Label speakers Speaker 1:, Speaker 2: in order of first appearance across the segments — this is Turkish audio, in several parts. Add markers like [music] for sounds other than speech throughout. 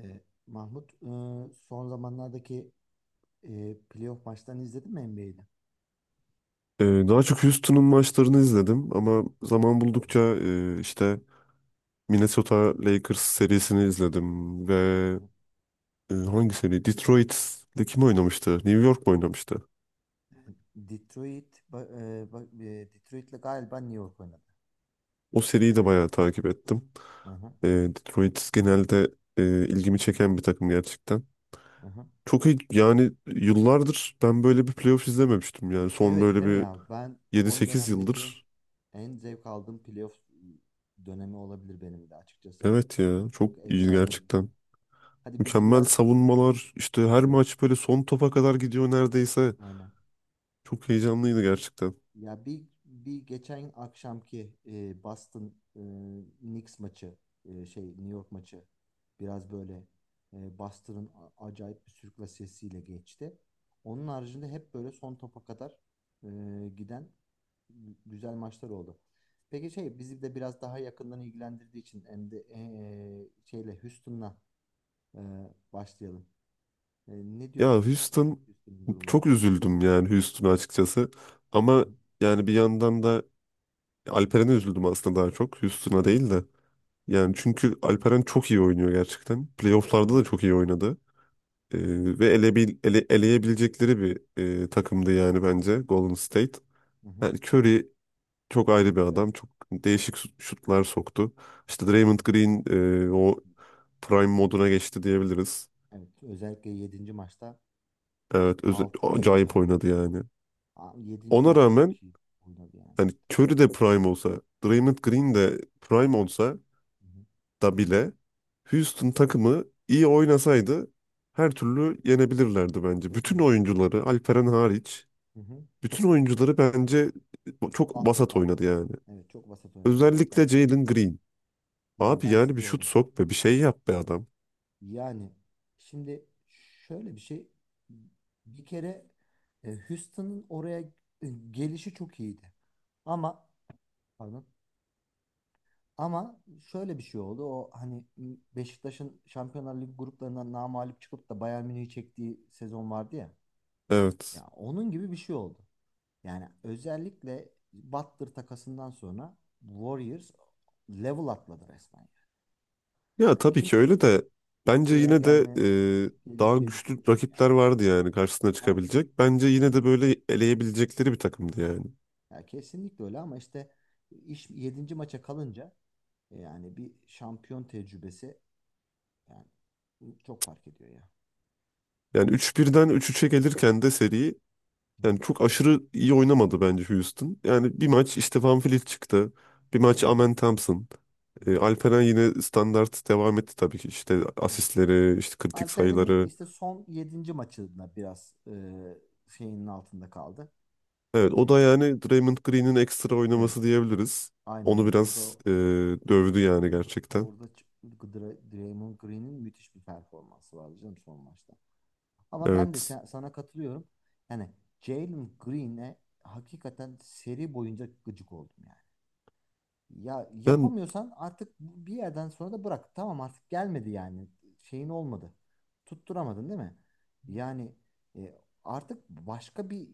Speaker 1: Ee, Mahmut, son zamanlardaki playoff maçlarını izledin mi NBA'de?
Speaker 2: Daha çok Houston'un maçlarını izledim ama zaman buldukça işte Minnesota Lakers serisini izledim ve
Speaker 1: Hı hı.
Speaker 2: hangi seri? Detroit'le kim oynamıştı? New York mu oynamıştı?
Speaker 1: Detroit, Detroit'le galiba New York oynadı.
Speaker 2: O seriyi de
Speaker 1: Evet evet.
Speaker 2: bayağı takip ettim.
Speaker 1: Hı hı,
Speaker 2: Detroit genelde e, ilgimi çeken bir takım gerçekten.
Speaker 1: hı hı.
Speaker 2: Çok iyi yani yıllardır ben böyle bir playoff izlememiştim yani son
Speaker 1: Evet
Speaker 2: böyle
Speaker 1: değil mi
Speaker 2: bir
Speaker 1: ya? Ben
Speaker 2: yedi
Speaker 1: son
Speaker 2: sekiz
Speaker 1: dönemdeki
Speaker 2: yıldır.
Speaker 1: en zevk aldığım playoff dönemi olabilir benim de açıkçası.
Speaker 2: Evet ya, çok
Speaker 1: Çok
Speaker 2: iyi
Speaker 1: efsane gitti.
Speaker 2: gerçekten.
Speaker 1: Hadi bizi
Speaker 2: Mükemmel
Speaker 1: biraz...
Speaker 2: savunmalar, işte her
Speaker 1: Evet,
Speaker 2: maç böyle son topa kadar gidiyor neredeyse.
Speaker 1: aynen.
Speaker 2: Çok heyecanlıydı gerçekten.
Speaker 1: Ya bir bir geçen akşamki Boston Knicks maçı, New York maçı biraz böyle Boston'ın acayip bir sürüklasesiyle geçti. Onun haricinde hep böyle son topa kadar e, giden güzel maçlar oldu. Peki bizi de biraz daha yakından ilgilendirdiği için, hem de e, E, şeyle Houston'la e, başlayalım. E, Ne
Speaker 2: Ya
Speaker 1: diyorsun
Speaker 2: Houston,
Speaker 1: Houston'ın durumuna?
Speaker 2: çok üzüldüm yani Houston'a açıkçası.
Speaker 1: Hı
Speaker 2: Ama
Speaker 1: hı.
Speaker 2: yani bir yandan da Alperen'e üzüldüm aslında, daha çok Houston'a
Speaker 1: Evet.
Speaker 2: değil de.
Speaker 1: Hı hı.
Speaker 2: Yani çünkü Alperen çok iyi oynuyor gerçekten. Playoff'larda da
Speaker 1: Bence
Speaker 2: çok
Speaker 1: de.
Speaker 2: iyi oynadı.
Speaker 1: Hı
Speaker 2: Ee,
Speaker 1: hı.
Speaker 2: ve elebil, ele- eleyebilecekleri bir takımdı yani bence, Golden State.
Speaker 1: Hı hı.
Speaker 2: Yani Curry çok ayrı bir
Speaker 1: Şöyle.
Speaker 2: adam. Çok değişik şutlar soktu. İşte
Speaker 1: Evet.
Speaker 2: Draymond Green, o Prime moduna geçti diyebiliriz.
Speaker 1: Evet, özellikle yedinci maçta
Speaker 2: Evet,
Speaker 1: 6 ve yedi,
Speaker 2: acayip
Speaker 1: hatta
Speaker 2: oynadı yani.
Speaker 1: yedinci
Speaker 2: Ona
Speaker 1: maçta çok
Speaker 2: rağmen
Speaker 1: iyi oynadı yani.
Speaker 2: hani Curry de Prime olsa, Draymond Green de Prime olsa
Speaker 1: Hı hı.
Speaker 2: da bile Houston takımı iyi oynasaydı her türlü yenebilirlerdi bence. Bütün
Speaker 1: Evet.
Speaker 2: oyuncuları, Alperen hariç,
Speaker 1: Hı hı.
Speaker 2: bütün oyuncuları bence çok
Speaker 1: Altta
Speaker 2: vasat
Speaker 1: kaldılar.
Speaker 2: oynadı yani.
Speaker 1: Evet, çok vasat oynadılar ya
Speaker 2: Özellikle
Speaker 1: bence de.
Speaker 2: Jalen Green.
Speaker 1: Ya
Speaker 2: Abi
Speaker 1: ben
Speaker 2: yani
Speaker 1: sinir
Speaker 2: bir şut
Speaker 1: oldum.
Speaker 2: sok be, bir şey yap be adam.
Speaker 1: Yani şimdi şöyle bir şey, bir kere Houston'ın oraya gelişi çok iyiydi. Ama pardon. Ama şöyle bir şey oldu. O, hani Beşiktaş'ın Şampiyonlar Ligi gruplarından namağlup çıkıp da Bayern Münih'i çektiği sezon vardı ya.
Speaker 2: Evet.
Speaker 1: Ya onun gibi bir şey oldu. Yani özellikle Butler takasından sonra Warriors level atladı resmen. Yani.
Speaker 2: Ya
Speaker 1: Ya
Speaker 2: tabii ki
Speaker 1: kimse
Speaker 2: öyle de bence
Speaker 1: buraya
Speaker 2: yine de
Speaker 1: gelir
Speaker 2: daha
Speaker 1: diye
Speaker 2: güçlü
Speaker 1: düşünmüyordu
Speaker 2: rakipler
Speaker 1: yani.
Speaker 2: vardı yani karşısına
Speaker 1: Vardı.
Speaker 2: çıkabilecek. Bence yine
Speaker 1: Yani,
Speaker 2: de böyle eleyebilecekleri bir takımdı yani.
Speaker 1: ya kesinlikle öyle ama işte iş yedinci maça kalınca, yani bir şampiyon tecrübesi, yani çok fark ediyor ya.
Speaker 2: Yani 3-1'den 3-3'e gelirken de seri
Speaker 1: Hı hı.
Speaker 2: yani çok aşırı iyi oynamadı bence Houston. Yani bir maç işte Van Vliet çıktı. Bir maç
Speaker 1: Evet evet.
Speaker 2: Amen Thompson.
Speaker 1: Hı hı.
Speaker 2: Alperen yine standart devam etti tabii ki. İşte
Speaker 1: Evet.
Speaker 2: asistleri, işte kritik
Speaker 1: Alperen'in bir
Speaker 2: sayıları.
Speaker 1: işte son yedinci maçında biraz şeyinin altında kaldı.
Speaker 2: Evet,
Speaker 1: E,
Speaker 2: o da yani Draymond Green'in ekstra oynaması
Speaker 1: evet.
Speaker 2: diyebiliriz.
Speaker 1: Aynen
Speaker 2: Onu
Speaker 1: öyle. O
Speaker 2: biraz
Speaker 1: da
Speaker 2: dövdü yani gerçekten.
Speaker 1: orada Draymond Green'in müthiş bir performansı vardı canım son maçta. Ama ben de
Speaker 2: Evet.
Speaker 1: sana katılıyorum. Yani Jalen Green'e hakikaten seri boyunca gıcık oldum yani. Ya
Speaker 2: Ben
Speaker 1: yapamıyorsan artık bir yerden sonra da bırak. Tamam, artık gelmedi yani. Şeyin olmadı. Tutturamadın değil mi? Yani artık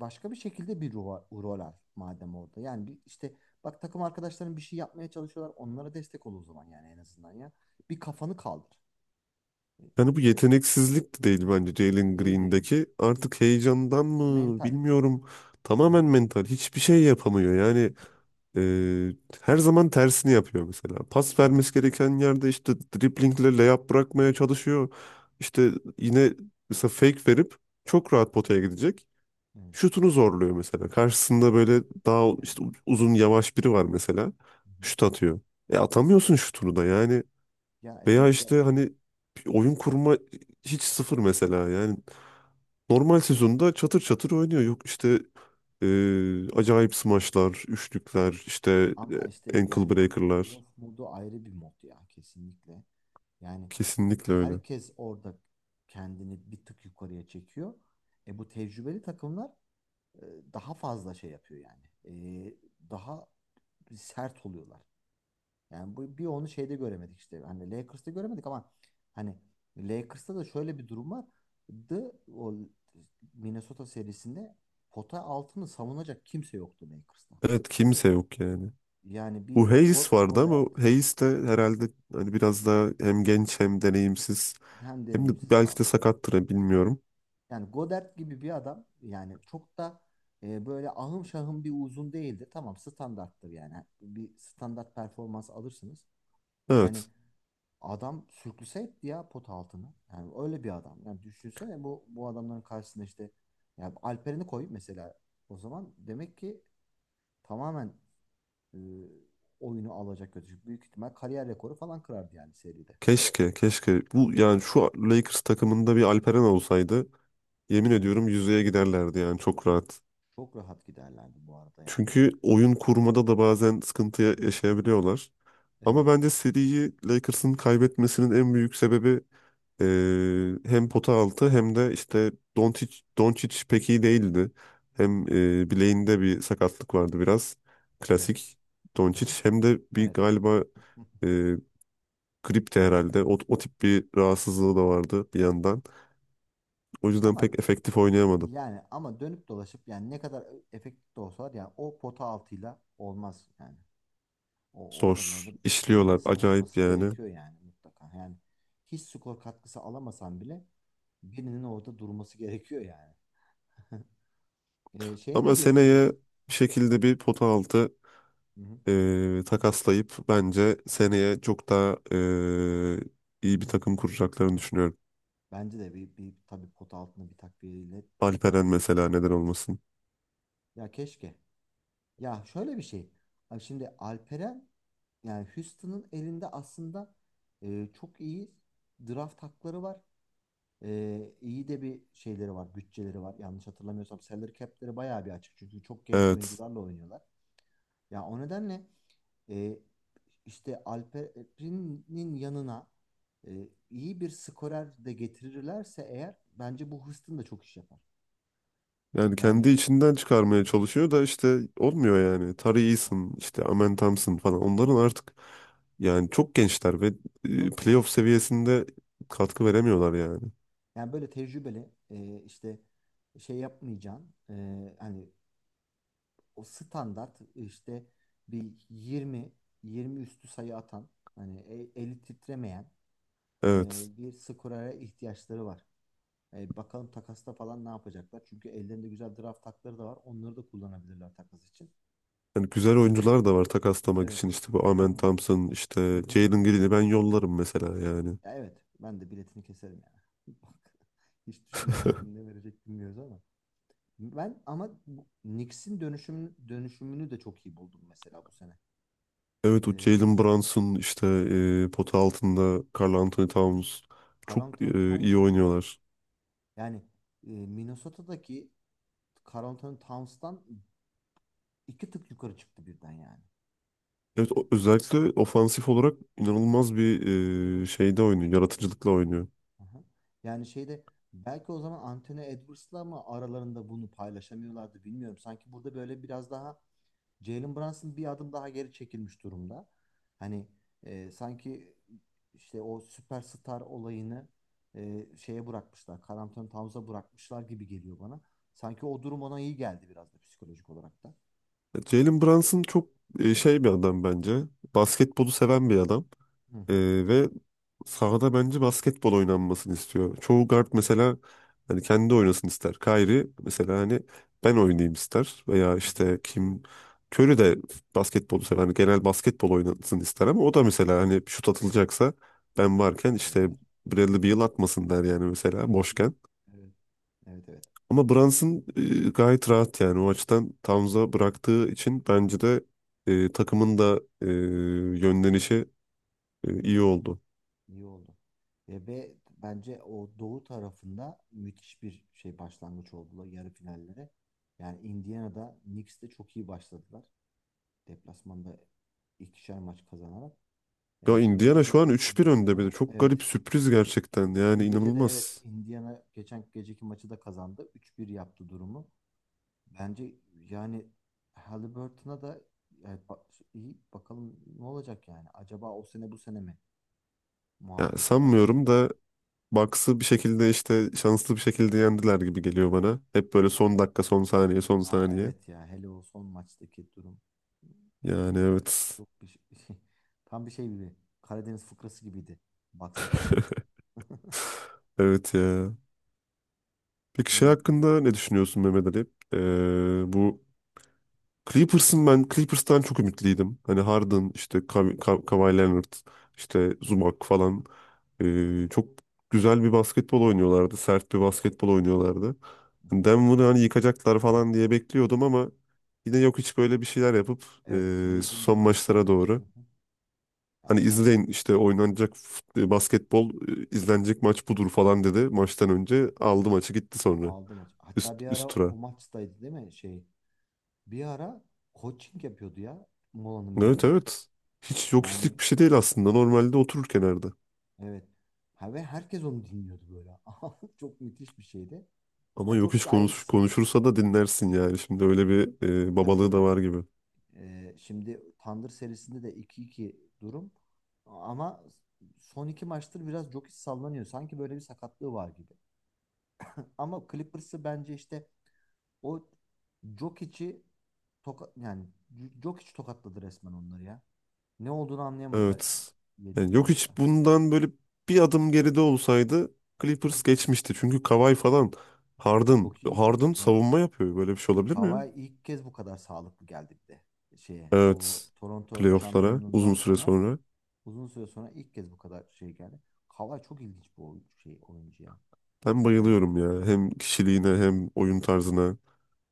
Speaker 1: başka bir şekilde bir rol al madem orada. Yani bir, işte bak, takım arkadaşların bir şey yapmaya çalışıyorlar. Onlara destek ol o zaman, yani en azından ya. Bir kafanı kaldır. E,
Speaker 2: yani bu yeteneksizlik de değil bence Jalen
Speaker 1: Değil değil.
Speaker 2: Green'deki. Artık heyecandan mı,
Speaker 1: Mental.
Speaker 2: bilmiyorum.
Speaker 1: Hı
Speaker 2: Tamamen
Speaker 1: hı.
Speaker 2: mental. Hiçbir şey yapamıyor. Yani e, her zaman tersini yapıyor mesela. Pas
Speaker 1: Evet.
Speaker 2: vermesi gereken yerde işte driblingle layup
Speaker 1: Hı
Speaker 2: bırakmaya
Speaker 1: hı.
Speaker 2: çalışıyor. İşte yine mesela fake verip çok rahat potaya gidecek.
Speaker 1: Evet.
Speaker 2: Şutunu zorluyor mesela. Karşısında böyle daha
Speaker 1: Yani.
Speaker 2: işte uzun yavaş biri var mesela.
Speaker 1: Hı hı.
Speaker 2: Şut atıyor. E atamıyorsun şutunu da yani.
Speaker 1: Ya
Speaker 2: Veya
Speaker 1: evet, ya
Speaker 2: işte hani bir oyun kurma hiç sıfır mesela. Yani normal sezonda çatır çatır oynuyor. Yok işte acayip smaçlar, üçlükler, işte
Speaker 1: ama işte
Speaker 2: ankle
Speaker 1: yani
Speaker 2: breaker'lar.
Speaker 1: playoff modu ayrı bir mod ya, kesinlikle. Yani
Speaker 2: Kesinlikle öyle.
Speaker 1: herkes orada kendini bir tık yukarıya çekiyor. Bu tecrübeli takımlar e, daha fazla şey yapıyor yani. E, Daha sert oluyorlar. Yani bu bir onu şeyde göremedik işte. Hani Lakers'ta göremedik ama hani Lakers'ta da şöyle bir durum vardı. O Minnesota serisinde pota altını savunacak kimse yoktu Lakers'ta.
Speaker 2: Evet, kimse yok yani.
Speaker 1: Yani
Speaker 2: Bu
Speaker 1: bir
Speaker 2: Hayes vardı ama
Speaker 1: Godert
Speaker 2: Hayes de herhalde hani biraz daha hem genç hem deneyimsiz.
Speaker 1: hem
Speaker 2: Hem de
Speaker 1: deneyimsiz
Speaker 2: belki de
Speaker 1: kaldı orada.
Speaker 2: sakattır ha, bilmiyorum.
Speaker 1: Yani Godert gibi bir adam yani çok da böyle ahım şahım bir uzun değildi. Tamam, standarttır yani. Bir standart performans alırsınız. Yani
Speaker 2: Evet.
Speaker 1: adam sürklüse etti ya pot altını. Yani öyle bir adam. Yani düşünsene bu bu adamların karşısında işte, yani Alperen'i koy mesela, o zaman demek ki tamamen e, oyunu alacak götürecek. Büyük ihtimal kariyer rekoru falan kırardı yani seride.
Speaker 2: Keşke, keşke. Bu
Speaker 1: Hı hı.
Speaker 2: yani şu Lakers takımında bir Alperen olsaydı, yemin
Speaker 1: Evet.
Speaker 2: ediyorum yüzeye giderlerdi yani çok rahat.
Speaker 1: Çok rahat giderlerdi bu arada yani.
Speaker 2: Çünkü oyun kurmada da bazen sıkıntı
Speaker 1: Hı hı.
Speaker 2: yaşayabiliyorlar.
Speaker 1: Evet.
Speaker 2: Ama bence seriyi Lakers'ın kaybetmesinin en büyük sebebi e, hem pota altı hem de işte Doncic, Doncic pek iyi değildi. Hem bileğinde bir sakatlık vardı biraz.
Speaker 1: Evet.
Speaker 2: Klasik
Speaker 1: Hı
Speaker 2: Doncic.
Speaker 1: hı.
Speaker 2: Hem de bir
Speaker 1: Evet.
Speaker 2: galiba
Speaker 1: Hı.
Speaker 2: e, gripti herhalde. O, o tip bir rahatsızlığı da vardı bir yandan. O yüzden
Speaker 1: Ama
Speaker 2: pek efektif oynayamadı.
Speaker 1: yani, dönüp dolaşıp yani, ne kadar efektif de olsalar yani o pota altıyla olmaz yani. O
Speaker 2: Zor
Speaker 1: oralarda birinin
Speaker 2: işliyorlar. Acayip
Speaker 1: savunması
Speaker 2: yani.
Speaker 1: gerekiyor yani, mutlaka. Yani hiç skor katkısı alamasan bile birinin orada durması gerekiyor yani. [laughs] E, şeye
Speaker 2: Ama
Speaker 1: Ne diyorsun
Speaker 2: seneye
Speaker 1: peki?
Speaker 2: bir şekilde bir pota altı
Speaker 1: Hı hı.
Speaker 2: takaslayıp bence seneye çok daha iyi bir takım kuracaklarını düşünüyorum.
Speaker 1: Bence de, bir, bir tabii pota altında bir takviyeyle çok daha
Speaker 2: Alperen
Speaker 1: iyi bir takım
Speaker 2: mesela, neden
Speaker 1: olacaklar.
Speaker 2: olmasın.
Speaker 1: Ya keşke. Ya şöyle bir şey. Abi şimdi Alperen, yani Houston'ın elinde aslında çok iyi draft hakları var. İyi de bir şeyleri var, bütçeleri var. Yanlış hatırlamıyorsam salary cap'leri bayağı bir açık. Çünkü çok genç
Speaker 2: Evet.
Speaker 1: oyuncularla oynuyorlar. Ya o nedenle e, işte Alperen'in yanına iyi bir skorer de getirirlerse eğer, bence bu Houston da çok iş yapar.
Speaker 2: Yani kendi
Speaker 1: Yani.
Speaker 2: içinden çıkarmaya çalışıyor da işte olmuyor yani. Tari Eason, işte Amen Thompson
Speaker 1: Hı hı.
Speaker 2: falan, onların artık yani çok gençler ve
Speaker 1: Çok
Speaker 2: playoff
Speaker 1: gençler canım.
Speaker 2: seviyesinde katkı veremiyorlar yani.
Speaker 1: Yani böyle tecrübeli, işte şey yapmayacağın, hani o standart, işte bir 20 20 üstü sayı atan, hani eli titremeyen, e,
Speaker 2: Evet.
Speaker 1: bir skorera ihtiyaçları var. Bakalım takasta falan ne yapacaklar? Çünkü ellerinde güzel draft hakları da var. Onları da kullanabilirler takas için.
Speaker 2: Yani güzel
Speaker 1: Sanki,
Speaker 2: oyuncular da var takaslamak
Speaker 1: evet,
Speaker 2: için, işte bu Amen
Speaker 1: hani,
Speaker 2: Thompson,
Speaker 1: hı
Speaker 2: işte
Speaker 1: hı.
Speaker 2: Jalen Green'i ben yollarım mesela yani.
Speaker 1: Ya evet, ben de biletini keserim yani. [laughs] Bak, hiç düşünmeden. Kim
Speaker 2: [laughs]
Speaker 1: ne verecek bilmiyoruz ama. Ben ama Knicks'in dönüşümünü de çok iyi buldum mesela bu sene.
Speaker 2: Evet, o
Speaker 1: Ee,
Speaker 2: Jalen Brunson, işte pota altında Karl Anthony Towns çok
Speaker 1: Carlton
Speaker 2: iyi
Speaker 1: Towns,
Speaker 2: oynuyorlar.
Speaker 1: yani Minnesota'daki Carlton Towns'tan iki tık yukarı çıktı birden yani.
Speaker 2: Evet,
Speaker 1: Ee,
Speaker 2: özellikle ofansif olarak inanılmaz bir
Speaker 1: evet.
Speaker 2: şeyde oynuyor, yaratıcılıkla oynuyor.
Speaker 1: Aha. Yani belki o zaman Anthony Edwards'la mı aralarında bunu paylaşamıyorlardı, bilmiyorum. Sanki burada böyle biraz daha Jalen Brunson bir adım daha geri çekilmiş durumda. Hani sanki işte o süperstar olayını e, şeye bırakmışlar. Karl Anthony Towns'a bırakmışlar gibi geliyor bana. Sanki o durum ona iyi geldi biraz da, psikolojik olarak da.
Speaker 2: Jalen Brunson çok şey bir adam bence. Basketbolu seven bir adam.
Speaker 1: Hı
Speaker 2: E,
Speaker 1: hı.
Speaker 2: ve sahada bence basketbol oynanmasını istiyor. Çoğu guard mesela hani kendi oynasın ister. Kyrie
Speaker 1: Evet.
Speaker 2: mesela hani ben oynayayım ister veya
Speaker 1: Hı hı.
Speaker 2: işte kim, Curry de basketbolu sever. Hani genel basketbol oynansın ister ama o da mesela
Speaker 1: Evet.
Speaker 2: hani şut atılacaksa ben varken
Speaker 1: Hayat
Speaker 2: işte
Speaker 1: Ender.
Speaker 2: Bradley Beal
Speaker 1: [laughs]
Speaker 2: atmasın der yani mesela
Speaker 1: Hı hı.
Speaker 2: boşken.
Speaker 1: Evet. Evet evet.
Speaker 2: Ama Brunson gayet rahat yani, o açıdan Towns'a bıraktığı için bence de takımın da yönlenişi iyi oldu.
Speaker 1: İyi oldu. Ve bence o doğu tarafında müthiş bir başlangıç oldular yarı finallere. Yani Indiana'da, Knicks'te çok iyi başladılar. Deplasmanda ikişer maç kazanarak.
Speaker 2: Ya
Speaker 1: E, dün gece
Speaker 2: Indiana şu
Speaker 1: de
Speaker 2: an 3-1 önde bir de.
Speaker 1: Indiana
Speaker 2: Çok
Speaker 1: evet
Speaker 2: garip, sürpriz gerçekten.
Speaker 1: dün,
Speaker 2: Yani
Speaker 1: dün gece de, evet,
Speaker 2: inanılmaz.
Speaker 1: Indiana geçen geceki maçı da kazandı. 3-1 yaptı durumu. Bence, yani Halliburton'a da, yani iyi, bakalım ne olacak yani. Acaba o sene, bu sene mi
Speaker 2: Ya
Speaker 1: muhabbete
Speaker 2: sanmıyorum
Speaker 1: başlayacak mı?
Speaker 2: da Bucks'ı bir şekilde işte şanslı bir şekilde yendiler gibi geliyor bana. Hep böyle son dakika, son saniye, son
Speaker 1: Ha
Speaker 2: saniye.
Speaker 1: evet ya, hele o son maçtaki durum
Speaker 2: Yani evet.
Speaker 1: çok bir şey, [laughs] tam bir şey gibi, Karadeniz fıkrası gibiydi Bucks açısından. [laughs]
Speaker 2: Evet ya. Peki şey
Speaker 1: Hmm.
Speaker 2: hakkında ne düşünüyorsun Mehmet Ali? Bu Clippers'ın, ben Clippers'tan çok ümitliydim. Hani Harden, işte Kawhi Leonard, işte Zubac falan. Çok güzel bir basketbol oynuyorlardı. Sert bir basketbol oynuyorlardı. Hani Denver'ı hani yıkacaklar falan diye bekliyordum ama yine yok, hiç böyle bir şeyler yapıp
Speaker 1: Evet, yedinci
Speaker 2: son
Speaker 1: maçta.
Speaker 2: maçlara
Speaker 1: Hı
Speaker 2: doğru
Speaker 1: hı. Ya
Speaker 2: hani
Speaker 1: son
Speaker 2: izleyin işte oynanacak basketbol, izlenecek maç budur falan dedi, maçtan önce aldı maçı, gitti sonra
Speaker 1: aldı maç.
Speaker 2: üst
Speaker 1: Hatta bir ara
Speaker 2: üst
Speaker 1: o
Speaker 2: tura.
Speaker 1: maçtaydı değil mi? Bir ara coaching yapıyordu ya, molanın
Speaker 2: Evet
Speaker 1: birinde.
Speaker 2: evet. Hiç yok
Speaker 1: Yani
Speaker 2: hislik bir şey değil aslında. Normalde oturur kenarda.
Speaker 1: evet. Ha, ve herkes onu dinliyordu böyle. [laughs] Çok müthiş bir şeydi.
Speaker 2: Ama
Speaker 1: Ya
Speaker 2: yok
Speaker 1: çok,
Speaker 2: hiç
Speaker 1: hiç ayrı bir
Speaker 2: konuş,
Speaker 1: seviye.
Speaker 2: konuşursa da dinlersin yani. Şimdi öyle bir
Speaker 1: Tabii
Speaker 2: babalığı
Speaker 1: tabii.
Speaker 2: da var gibi.
Speaker 1: Şimdi Tandır serisinde de 2-2 durum. Ama son iki maçtır biraz Jokic sallanıyor. Sanki böyle bir sakatlığı var gibi. Ama Clippers'ı bence işte, o Jokic'i Jokic tokatladı resmen onları ya. Ne olduğunu anlayamadılar yani
Speaker 2: Evet. Yani
Speaker 1: yedinci
Speaker 2: yok hiç,
Speaker 1: maçta.
Speaker 2: bundan böyle bir adım geride olsaydı
Speaker 1: Hı hı.
Speaker 2: Clippers geçmişti. Çünkü Kawhi falan, Harden.
Speaker 1: Çok iyiydi.
Speaker 2: Harden
Speaker 1: Evet.
Speaker 2: savunma yapıyor. Böyle bir şey olabilir mi ya?
Speaker 1: Kawhi ilk kez bu kadar sağlıklı geldi bir de. O
Speaker 2: Evet.
Speaker 1: Toronto
Speaker 2: Playoff'lara
Speaker 1: şampiyonluğundan
Speaker 2: uzun süre
Speaker 1: sonra,
Speaker 2: sonra.
Speaker 1: uzun süre sonra ilk kez bu kadar geldi. Kawhi çok ilginç bir oyuncu ya.
Speaker 2: Ben
Speaker 1: Yani.
Speaker 2: bayılıyorum ya. Hem kişiliğine hem oyun tarzına.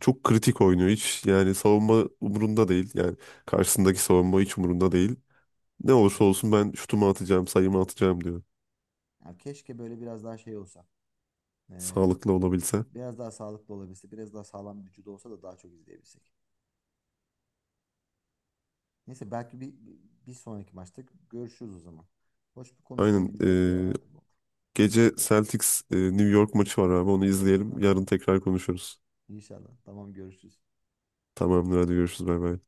Speaker 2: Çok kritik oynuyor. Hiç yani savunma umurunda değil. Yani
Speaker 1: Hı hı.
Speaker 2: karşısındaki savunma hiç umurunda değil. Ne olursa
Speaker 1: Aynen.
Speaker 2: olsun ben şutumu atacağım, sayımı atacağım diyor.
Speaker 1: Ya keşke böyle biraz daha olsa. Ee,
Speaker 2: Sağlıklı olabilse.
Speaker 1: Biraz daha sağlıklı olabilse, biraz daha sağlam bir vücudu olsa da daha çok izleyebilsek. Neyse, belki bir, bir sonraki maçta görüşürüz o zaman. Hoş bir
Speaker 2: Aynen.
Speaker 1: konuşmaydı. Güzel bir
Speaker 2: e,
Speaker 1: değerlendirme oldu.
Speaker 2: Gece Celtics New York maçı var abi. Onu izleyelim.
Speaker 1: Aha,
Speaker 2: Yarın tekrar konuşuruz.
Speaker 1: İnşallah. Tamam, görüşürüz.
Speaker 2: Tamamdır, hadi görüşürüz. Bay bay.